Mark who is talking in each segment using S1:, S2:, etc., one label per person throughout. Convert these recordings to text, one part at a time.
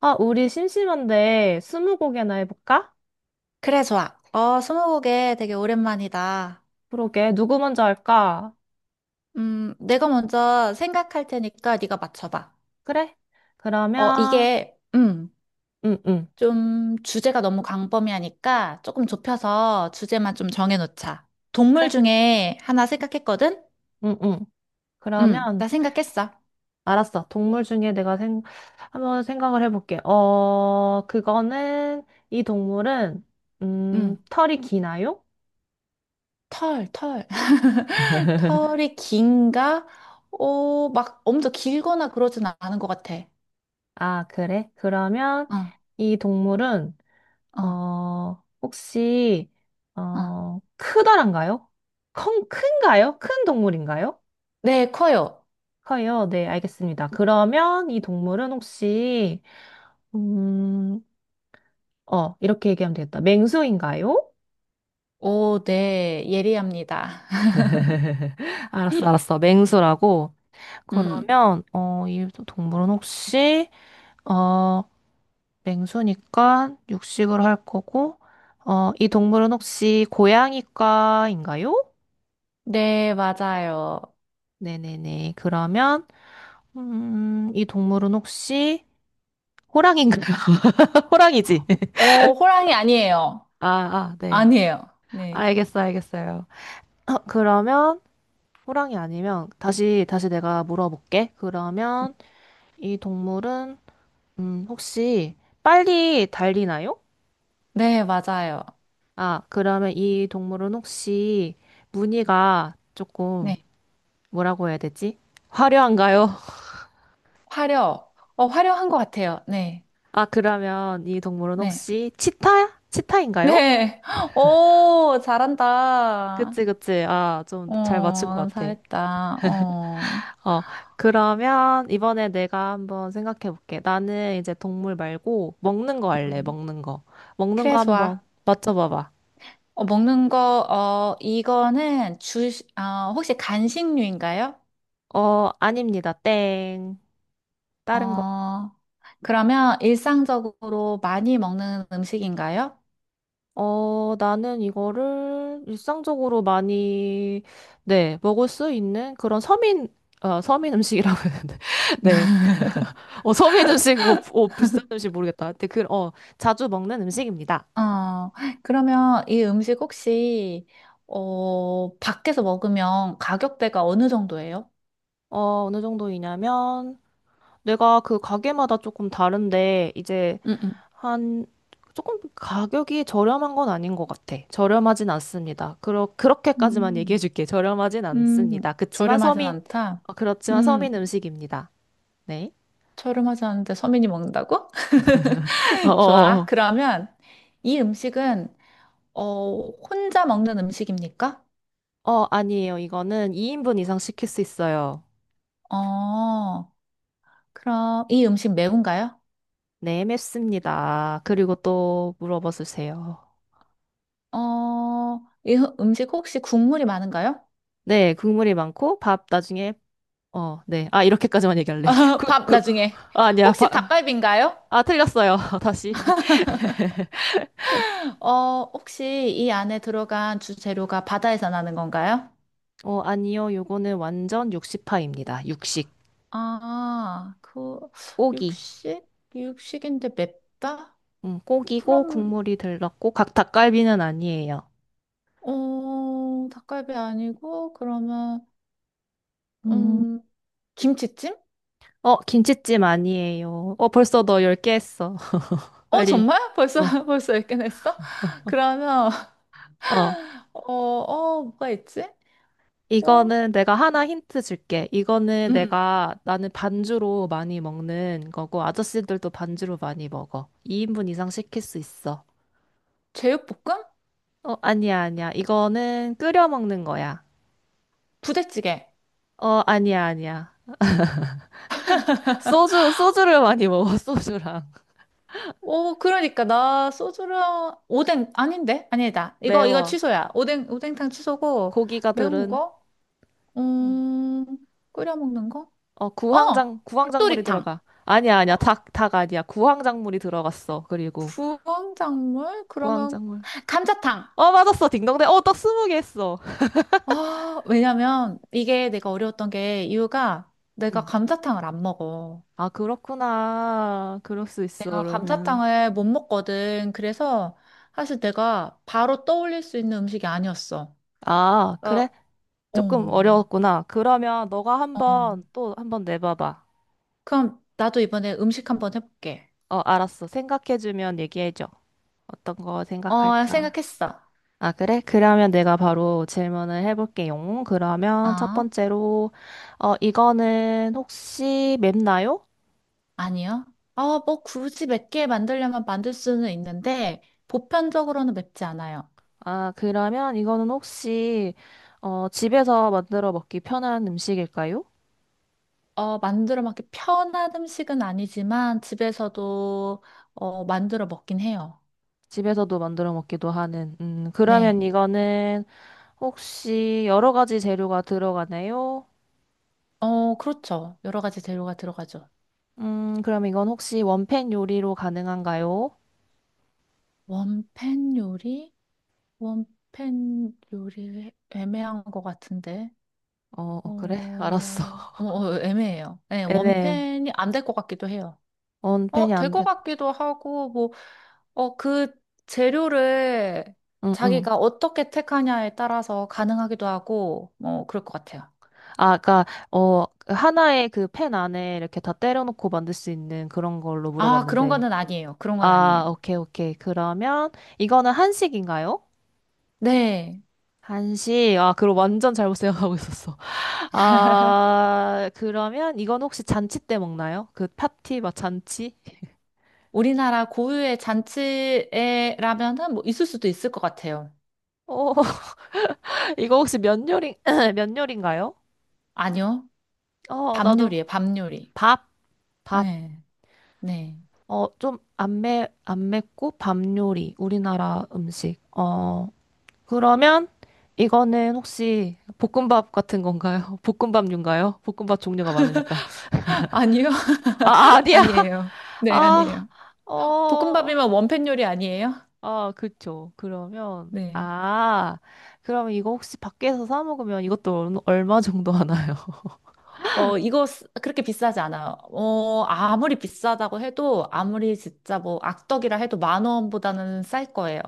S1: 아, 우리 심심한데 스무고개나 해볼까?
S2: 그래, 좋아. 스무고개 되게 오랜만이다.
S1: 그러게, 누구 먼저 할까?
S2: 내가 먼저 생각할 테니까 네가 맞춰봐.
S1: 그래?
S2: 어,
S1: 그러면,
S2: 이게, 음,
S1: 응, 응,
S2: 좀 주제가 너무 광범위하니까 조금 좁혀서 주제만 좀 정해놓자. 동물
S1: 그래,
S2: 중에 하나 생각했거든?
S1: 응, 응. 그러면,
S2: 나 생각했어.
S1: 알았어. 동물 중에 내가 한번 생각을 해볼게. 어, 그거는, 이 동물은,
S2: 음,
S1: 털이 기나요?
S2: 털. 털이 긴가? 막 엄청 길거나 그러진 않은 것 같아.
S1: 아, 그래? 그러면,
S2: 어,
S1: 이 동물은,
S2: 어,
S1: 어, 혹시,
S2: 어.
S1: 어, 크다란가요? 큰가요? 큰 동물인가요?
S2: 네, 커요.
S1: 커요. 네, 알겠습니다. 그러면 이 동물은 혹시, 음, 어, 이렇게 얘기하면 되겠다. 맹수인가요?
S2: 오, 네, 예리합니다.
S1: 알았어, 알았어. 맹수라고.
S2: 음.
S1: 그러면, 어, 이 동물은 혹시, 어, 맹수니까 육식을 할 거고, 어, 이 동물은 혹시 고양이과인가요?
S2: 네, 맞아요.
S1: 네네네. 그러면, 이 동물은 혹시 호랑이인가요? 호랑이지?
S2: 호랑이 아니에요.
S1: 아, 아, 네.
S2: 아니에요. 네.
S1: 알겠어, 알겠어요. 어, 그러면 호랑이 아니면 다시 내가 물어볼게. 그러면 이 동물은 혹시 빨리 달리나요?
S2: 네, 맞아요.
S1: 아, 그러면 이 동물은 혹시 무늬가 조금
S2: 네.
S1: 뭐라고 해야 되지? 화려한가요?
S2: 화려한 것 같아요. 네.
S1: 아, 그러면 이 동물은
S2: 네.
S1: 혹시 치타야? 치타인가요?
S2: 네. 오, 잘한다.
S1: 그치, 그치. 아, 좀 잘 맞춘 것 같아.
S2: 잘했다. 어.
S1: 어, 그러면 이번에 내가 한번 생각해 볼게. 나는 이제 동물 말고 먹는 거 할래,
S2: 음.
S1: 먹는 거. 먹는
S2: 그래,
S1: 거 한번
S2: 좋아.
S1: 맞춰봐봐.
S2: 먹는 거, 어, 이거는 주, 혹시 간식류인가요?
S1: 어, 아닙니다. 땡. 다른 거.
S2: 어, 그러면 일상적으로 많이 먹는 음식인가요?
S1: 어, 나는 이거를 일상적으로 많이, 네, 먹을 수 있는 그런 서민, 어, 서민 음식이라고 했는데. 네. 어, 서민 음식, 뭐, 어, 비싼 음식 모르겠다. 근데 그, 어, 자주 먹는 음식입니다.
S2: 어, 그러면 이 음식 혹시, 밖에서 먹으면 가격대가 어느 정도예요?
S1: 어, 어느 정도이냐면, 내가 그 가게마다 조금 다른데, 이제
S2: 음, 음.
S1: 한, 조금 가격이 저렴한 건 아닌 것 같아. 저렴하진 않습니다. 그렇게까지만 얘기해
S2: 음,
S1: 줄게. 저렴하진
S2: 음,
S1: 않습니다. 그치만
S2: 저렴하진
S1: 서민,
S2: 않다.
S1: 어, 그렇지만
S2: 음,
S1: 서민 음식입니다. 네.
S2: 저렴하지 않은데 서민이 먹는다고?
S1: 어,
S2: 좋아.
S1: 어,
S2: 그러면 이 음식은, 혼자 먹는 음식입니까?
S1: 어, 어, 아니에요. 이거는 2인분 이상 시킬 수 있어요.
S2: 어, 그럼 이 음식 매운가요?
S1: 네, 맵습니다. 그리고 또 물어봐 주세요.
S2: 이 음식 혹시 국물이 많은가요?
S1: 네, 국물이 많고 밥 나중에 어, 네. 아, 이렇게까지만 얘기할래. 그,
S2: 밥
S1: 그,
S2: 나중에.
S1: 아, 아니야.
S2: 혹시 닭갈비인가요?
S1: 아, 틀렸어요. 다시.
S2: 혹시 이 안에 들어간 주재료가 바다에서 나는 건가요?
S1: 어, 아니요. 요거는 완전 육식파입니다. 육식.
S2: 아, 그,
S1: 고기.
S2: 육식? 육식인데 맵다?
S1: 고기고
S2: 그럼,
S1: 국물이 들렀고 각 닭갈비는 아니에요.
S2: 닭갈비 아니고, 그러면,
S1: 음.
S2: 음, 김치찜?
S1: 어, 김치찜 아니에요. 어, 벌써 너 10개 했어. 빨리.
S2: 정말? 벌써, 벌써 읽긴 했어? 그러면,
S1: 어, 어.
S2: 뭐가 있지? 어,
S1: 이거는 내가 하나 힌트 줄게. 이거는
S2: 음, 음.
S1: 내가 나는 반주로 많이 먹는 거고 아저씨들도 반주로 많이 먹어. 2인분 이상 시킬 수 있어.
S2: 제육볶음?
S1: 어, 아니야, 아니야. 이거는 끓여 먹는 거야.
S2: 부대찌개.
S1: 어, 아니야, 아니야. 소주, 소주를 많이 먹어, 소주랑.
S2: 오, 그러니까 나 소주랑 오뎅 아닌데? 아니다. 이거
S1: 매워.
S2: 취소야. 오뎅탕 취소고
S1: 고기가
S2: 매운
S1: 들은,
S2: 거? 음, 끓여 먹는 거?
S1: 어,
S2: 어,
S1: 구황작물이
S2: 닭도리탕.
S1: 들어가. 아니야, 아니야.
S2: 어,
S1: 닭 아니야. 구황작물이 들어갔어. 그리고,
S2: 부황작물? 그러면
S1: 구황작물.
S2: 감자탕.
S1: 어, 맞았어. 딩동댕. 어, 떡 스무 개 했어.
S2: 아, 왜냐면 이게 내가 어려웠던 게 이유가 내가
S1: 응.
S2: 감자탕을 안 먹어.
S1: 아, 그렇구나. 그럴 수 있어,
S2: 내가
S1: 그러면.
S2: 감자탕을 못 먹거든. 그래서 사실 내가 바로 떠올릴 수 있는 음식이 아니었어.
S1: 아,
S2: 어,
S1: 그래?
S2: 어.
S1: 조금 어려웠구나. 그러면 너가
S2: 어.
S1: 한번, 또 한번 내봐봐.
S2: 그럼 나도 이번에 음식 한번 해볼게.
S1: 어, 알았어. 생각해주면 얘기해줘. 어떤 거 생각할까?
S2: 생각했어.
S1: 아, 그래? 그러면 내가 바로 질문을 해볼게요. 그러면 첫
S2: 아,
S1: 번째로, 어, 이거는 혹시 맵나요?
S2: 아니요. 뭐 굳이 맵게 만들려면 만들 수는 있는데, 보편적으로는 맵지 않아요.
S1: 아, 그러면 이거는 혹시, 어, 집에서 만들어 먹기 편한 음식일까요?
S2: 만들어 먹기 편한 음식은 아니지만, 집에서도, 만들어 먹긴 해요.
S1: 집에서도 만들어 먹기도 하는.
S2: 네.
S1: 그러면 이거는 혹시 여러 가지 재료가 들어가나요?
S2: 그렇죠. 여러 가지 재료가 들어가죠.
S1: 그럼 이건 혹시 원팬 요리로 가능한가요?
S2: 원팬 요리? 원팬 요리 애매한 것 같은데.
S1: 어, 어, 그래?
S2: 어,
S1: 알았어.
S2: 애매해요. 예,
S1: 애매해.
S2: 원팬이 안 될 것 같기도 해요.
S1: 원팬이
S2: 될
S1: 안
S2: 것
S1: 돼.
S2: 같기도 하고, 뭐, 그 재료를
S1: 응, 응.
S2: 자기가 어떻게 택하냐에 따라서 가능하기도 하고, 뭐, 그럴 것 같아요.
S1: 아, 그니까, 어, 하나의 그 펜 안에 이렇게 다 때려놓고 만들 수 있는 그런 걸로
S2: 아, 그런
S1: 물어봤는데.
S2: 거는 아니에요. 그런 건 아니에요.
S1: 아, 오케이, 오케이. 그러면, 이거는 한식인가요?
S2: 네.
S1: 한식. 아, 그럼 완전 잘못 생각하고 있었어. 아, 그러면, 이건 혹시 잔치 때 먹나요? 그 파티, 막 잔치?
S2: 우리나라 고유의 잔치에라면은 뭐 있을 수도 있을 것 같아요.
S1: 어, 이거 혹시 면 요리, 면 요리인가요?
S2: 아니요.
S1: 어,
S2: 밤
S1: 나도.
S2: 요리예요, 밤 요리.
S1: 밥, 밥.
S2: 네. 네.
S1: 어, 좀 안 매, 안 맵고 밥 요리. 우리나라 음식. 어. 그러면 이거는 혹시 볶음밥 같은 건가요? 볶음밥류인가요? 볶음밥 종류가 많으니까.
S2: 아니요.
S1: 아, 아, 아니야.
S2: 아니에요. 네,
S1: 아,
S2: 아니에요.
S1: 어,
S2: 볶음밥이면 원팬 요리 아니에요?
S1: 아, 그쵸. 그러면,
S2: 네.
S1: 아, 그러면 이거 혹시 밖에서 사 먹으면 이것도 얼마 정도 하나요?
S2: 이거 그렇게 비싸지 않아요. 아무리 비싸다고 해도, 아무리 진짜 뭐 악덕이라 해도 만 원보다는 쌀 거예요.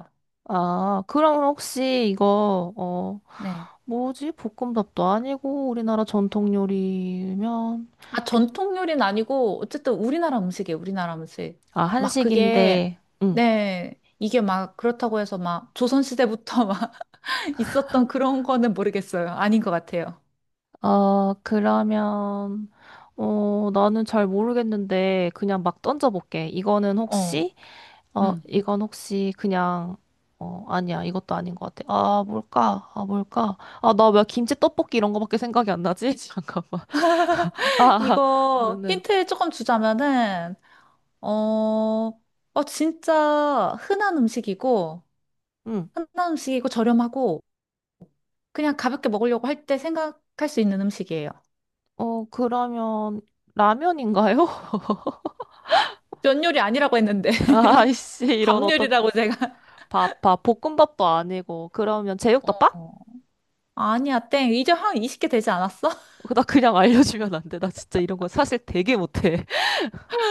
S1: 아, 그럼 혹시 이거, 어,
S2: 네.
S1: 뭐지? 볶음밥도 아니고 우리나라 전통 요리면,
S2: 아,
S1: 비-
S2: 전통 요리는 아니고, 어쨌든 우리나라 음식이에요, 우리나라 음식.
S1: 아,
S2: 막 그게,
S1: 한식인데, 응.
S2: 네. 이게 막 그렇다고 해서 막 조선시대부터 막 있었던 그런 거는 모르겠어요. 아닌 것 같아요.
S1: 아, 그러면, 어, 나는 잘 모르겠는데, 그냥 막 던져볼게. 이거는
S2: 어,
S1: 혹시, 어,
S2: 음.
S1: 이건 혹시 그냥, 어, 아니야. 이것도 아닌 것 같아. 아, 뭘까? 아, 뭘까? 아, 나 왜 김치 떡볶이 이런 거밖에 생각이 안 나지? 잠깐만. 아, 아,
S2: 이거
S1: 너는,
S2: 힌트 조금 주자면은, 어, 진짜 흔한 음식이고,
S1: 응.
S2: 흔한 음식이고 저렴하고, 그냥 가볍게 먹으려고 할 때 생각할 수 있는 음식이에요.
S1: 어, 그러면, 라면인가요?
S2: 면 요리 아니라고 했는데,
S1: 아이씨, 이런
S2: 밥 요리라고 제가.
S1: 밥, 밥, 볶음밥도 아니고, 그러면 제육덮밥?
S2: 어, 아니야, 땡. 이제 한 20개 되지 않았어?
S1: 나 그냥 알려주면 안 돼. 나 진짜 이런 거 사실 되게 못해.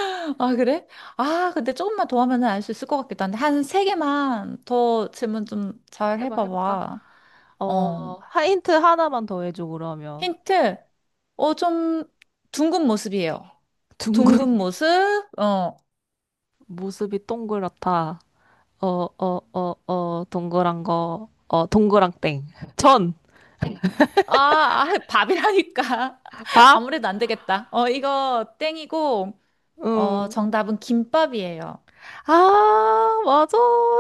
S2: 아, 그래? 아, 근데 조금만 더 하면 알 수 있을 것 같기도 한데, 한 세개만더 질문 좀 잘
S1: 해봐, 해볼까?
S2: 해봐봐. 어,
S1: 어, 힌트 하나만 더 해줘, 그러면.
S2: 힌트. 좀 둥근 모습이에요.
S1: 둥근
S2: 둥근 모습, 어,
S1: 모습이 동그랗다. 어, 어, 어, 어, 동그란 거. 어, 동그랑 땡. 전,
S2: 아, 아, 밥이라니까.
S1: 밥,
S2: 아무래도 안 되겠다. 이거 땡이고,
S1: 응.
S2: 정답은 김밥이에요.
S1: 아, 맞아.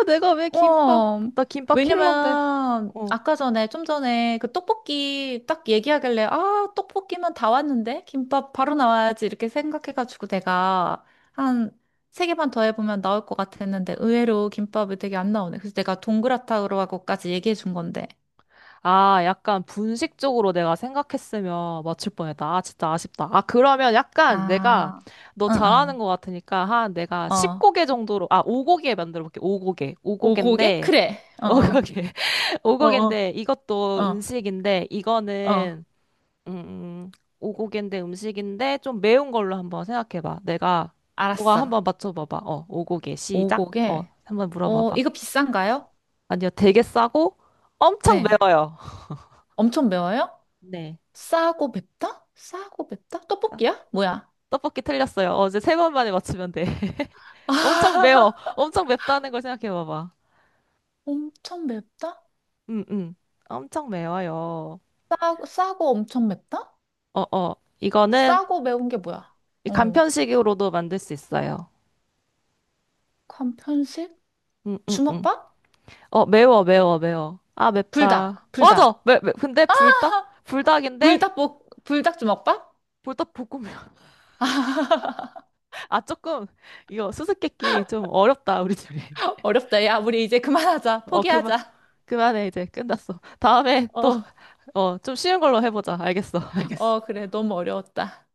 S1: 내가 왜 김밥,
S2: 어,
S1: 나 김밥 킬러인데.
S2: 왜냐면,
S1: 어.
S2: 아까 전에, 좀 전에 그 떡볶이 딱 얘기하길래, 아, 떡볶이만 다 왔는데? 김밥 바로 나와야지. 이렇게 생각해가지고 내가 한 세 개만 더 해보면 나올 것 같았는데, 의외로 김밥이 되게 안 나오네. 그래서 내가 동그랗다고 하고까지 얘기해 준 건데.
S1: 아, 약간 분식 쪽으로 내가 생각했으면 맞출 뻔했다. 아, 진짜 아쉽다. 아, 그러면 약간 내가
S2: 아,
S1: 너 잘하는
S2: 응,
S1: 것 같으니까 한 내가
S2: 응. 어.
S1: 10고개 정도로, 아, 5고개 만들어 볼게. 5고개.
S2: 오, 고개?
S1: 5고개인데,
S2: 그래. 어.
S1: 오곡에
S2: 어. 어,
S1: 오곡인데
S2: 어,
S1: 이것도
S2: 어,
S1: 음식인데
S2: 어.
S1: 이거는 음 음, 오곡인데 음식인데 좀 매운 걸로 한번 생각해봐. 내가 너가
S2: 알았어.
S1: 한번 맞춰봐봐. 어 오곡에 시작. 어
S2: 오곡에,
S1: 한번 물어봐봐.
S2: 이거 비싼가요?
S1: 아니요 되게 싸고 엄청
S2: 네.
S1: 매워요.
S2: 엄청 매워요?
S1: 네.
S2: 싸고 맵다? 싸고 맵다?
S1: 아,
S2: 떡볶이야? 뭐야?
S1: 떡볶이 틀렸어요. 어제 세 번 만에 맞추면 돼. 엄청 매워. 엄청 맵다는 걸 생각해봐봐.
S2: 엄청 맵다?
S1: 음, 음. 엄청 매워요.
S2: 싸고 엄청 맵다?
S1: 어, 어. 이거는
S2: 싸고 매운 게 뭐야?
S1: 이
S2: 어,
S1: 간편식으로도 만들 수 있어요.
S2: 건 편식?
S1: 음, 음, 음.
S2: 주먹밥?
S1: 어, 매워, 매워, 매워. 아, 맵다.
S2: 불닭, 불닭.
S1: 맞아! 근데 불닭? 불닭인데?
S2: 불닭 주먹밥?
S1: 불닭 볶음면. 아, 조금, 이거 수수께끼 좀 어렵다, 우리 둘이.
S2: 어렵다. 야, 우리 이제 그만하자.
S1: 어, 그만,
S2: 포기하자.
S1: 그만해, 이제. 끝났어. 다음에
S2: 어,
S1: 또, 어, 좀 쉬운 걸로 해보자. 알겠어, 알겠어.
S2: 그래. 너무 어려웠다.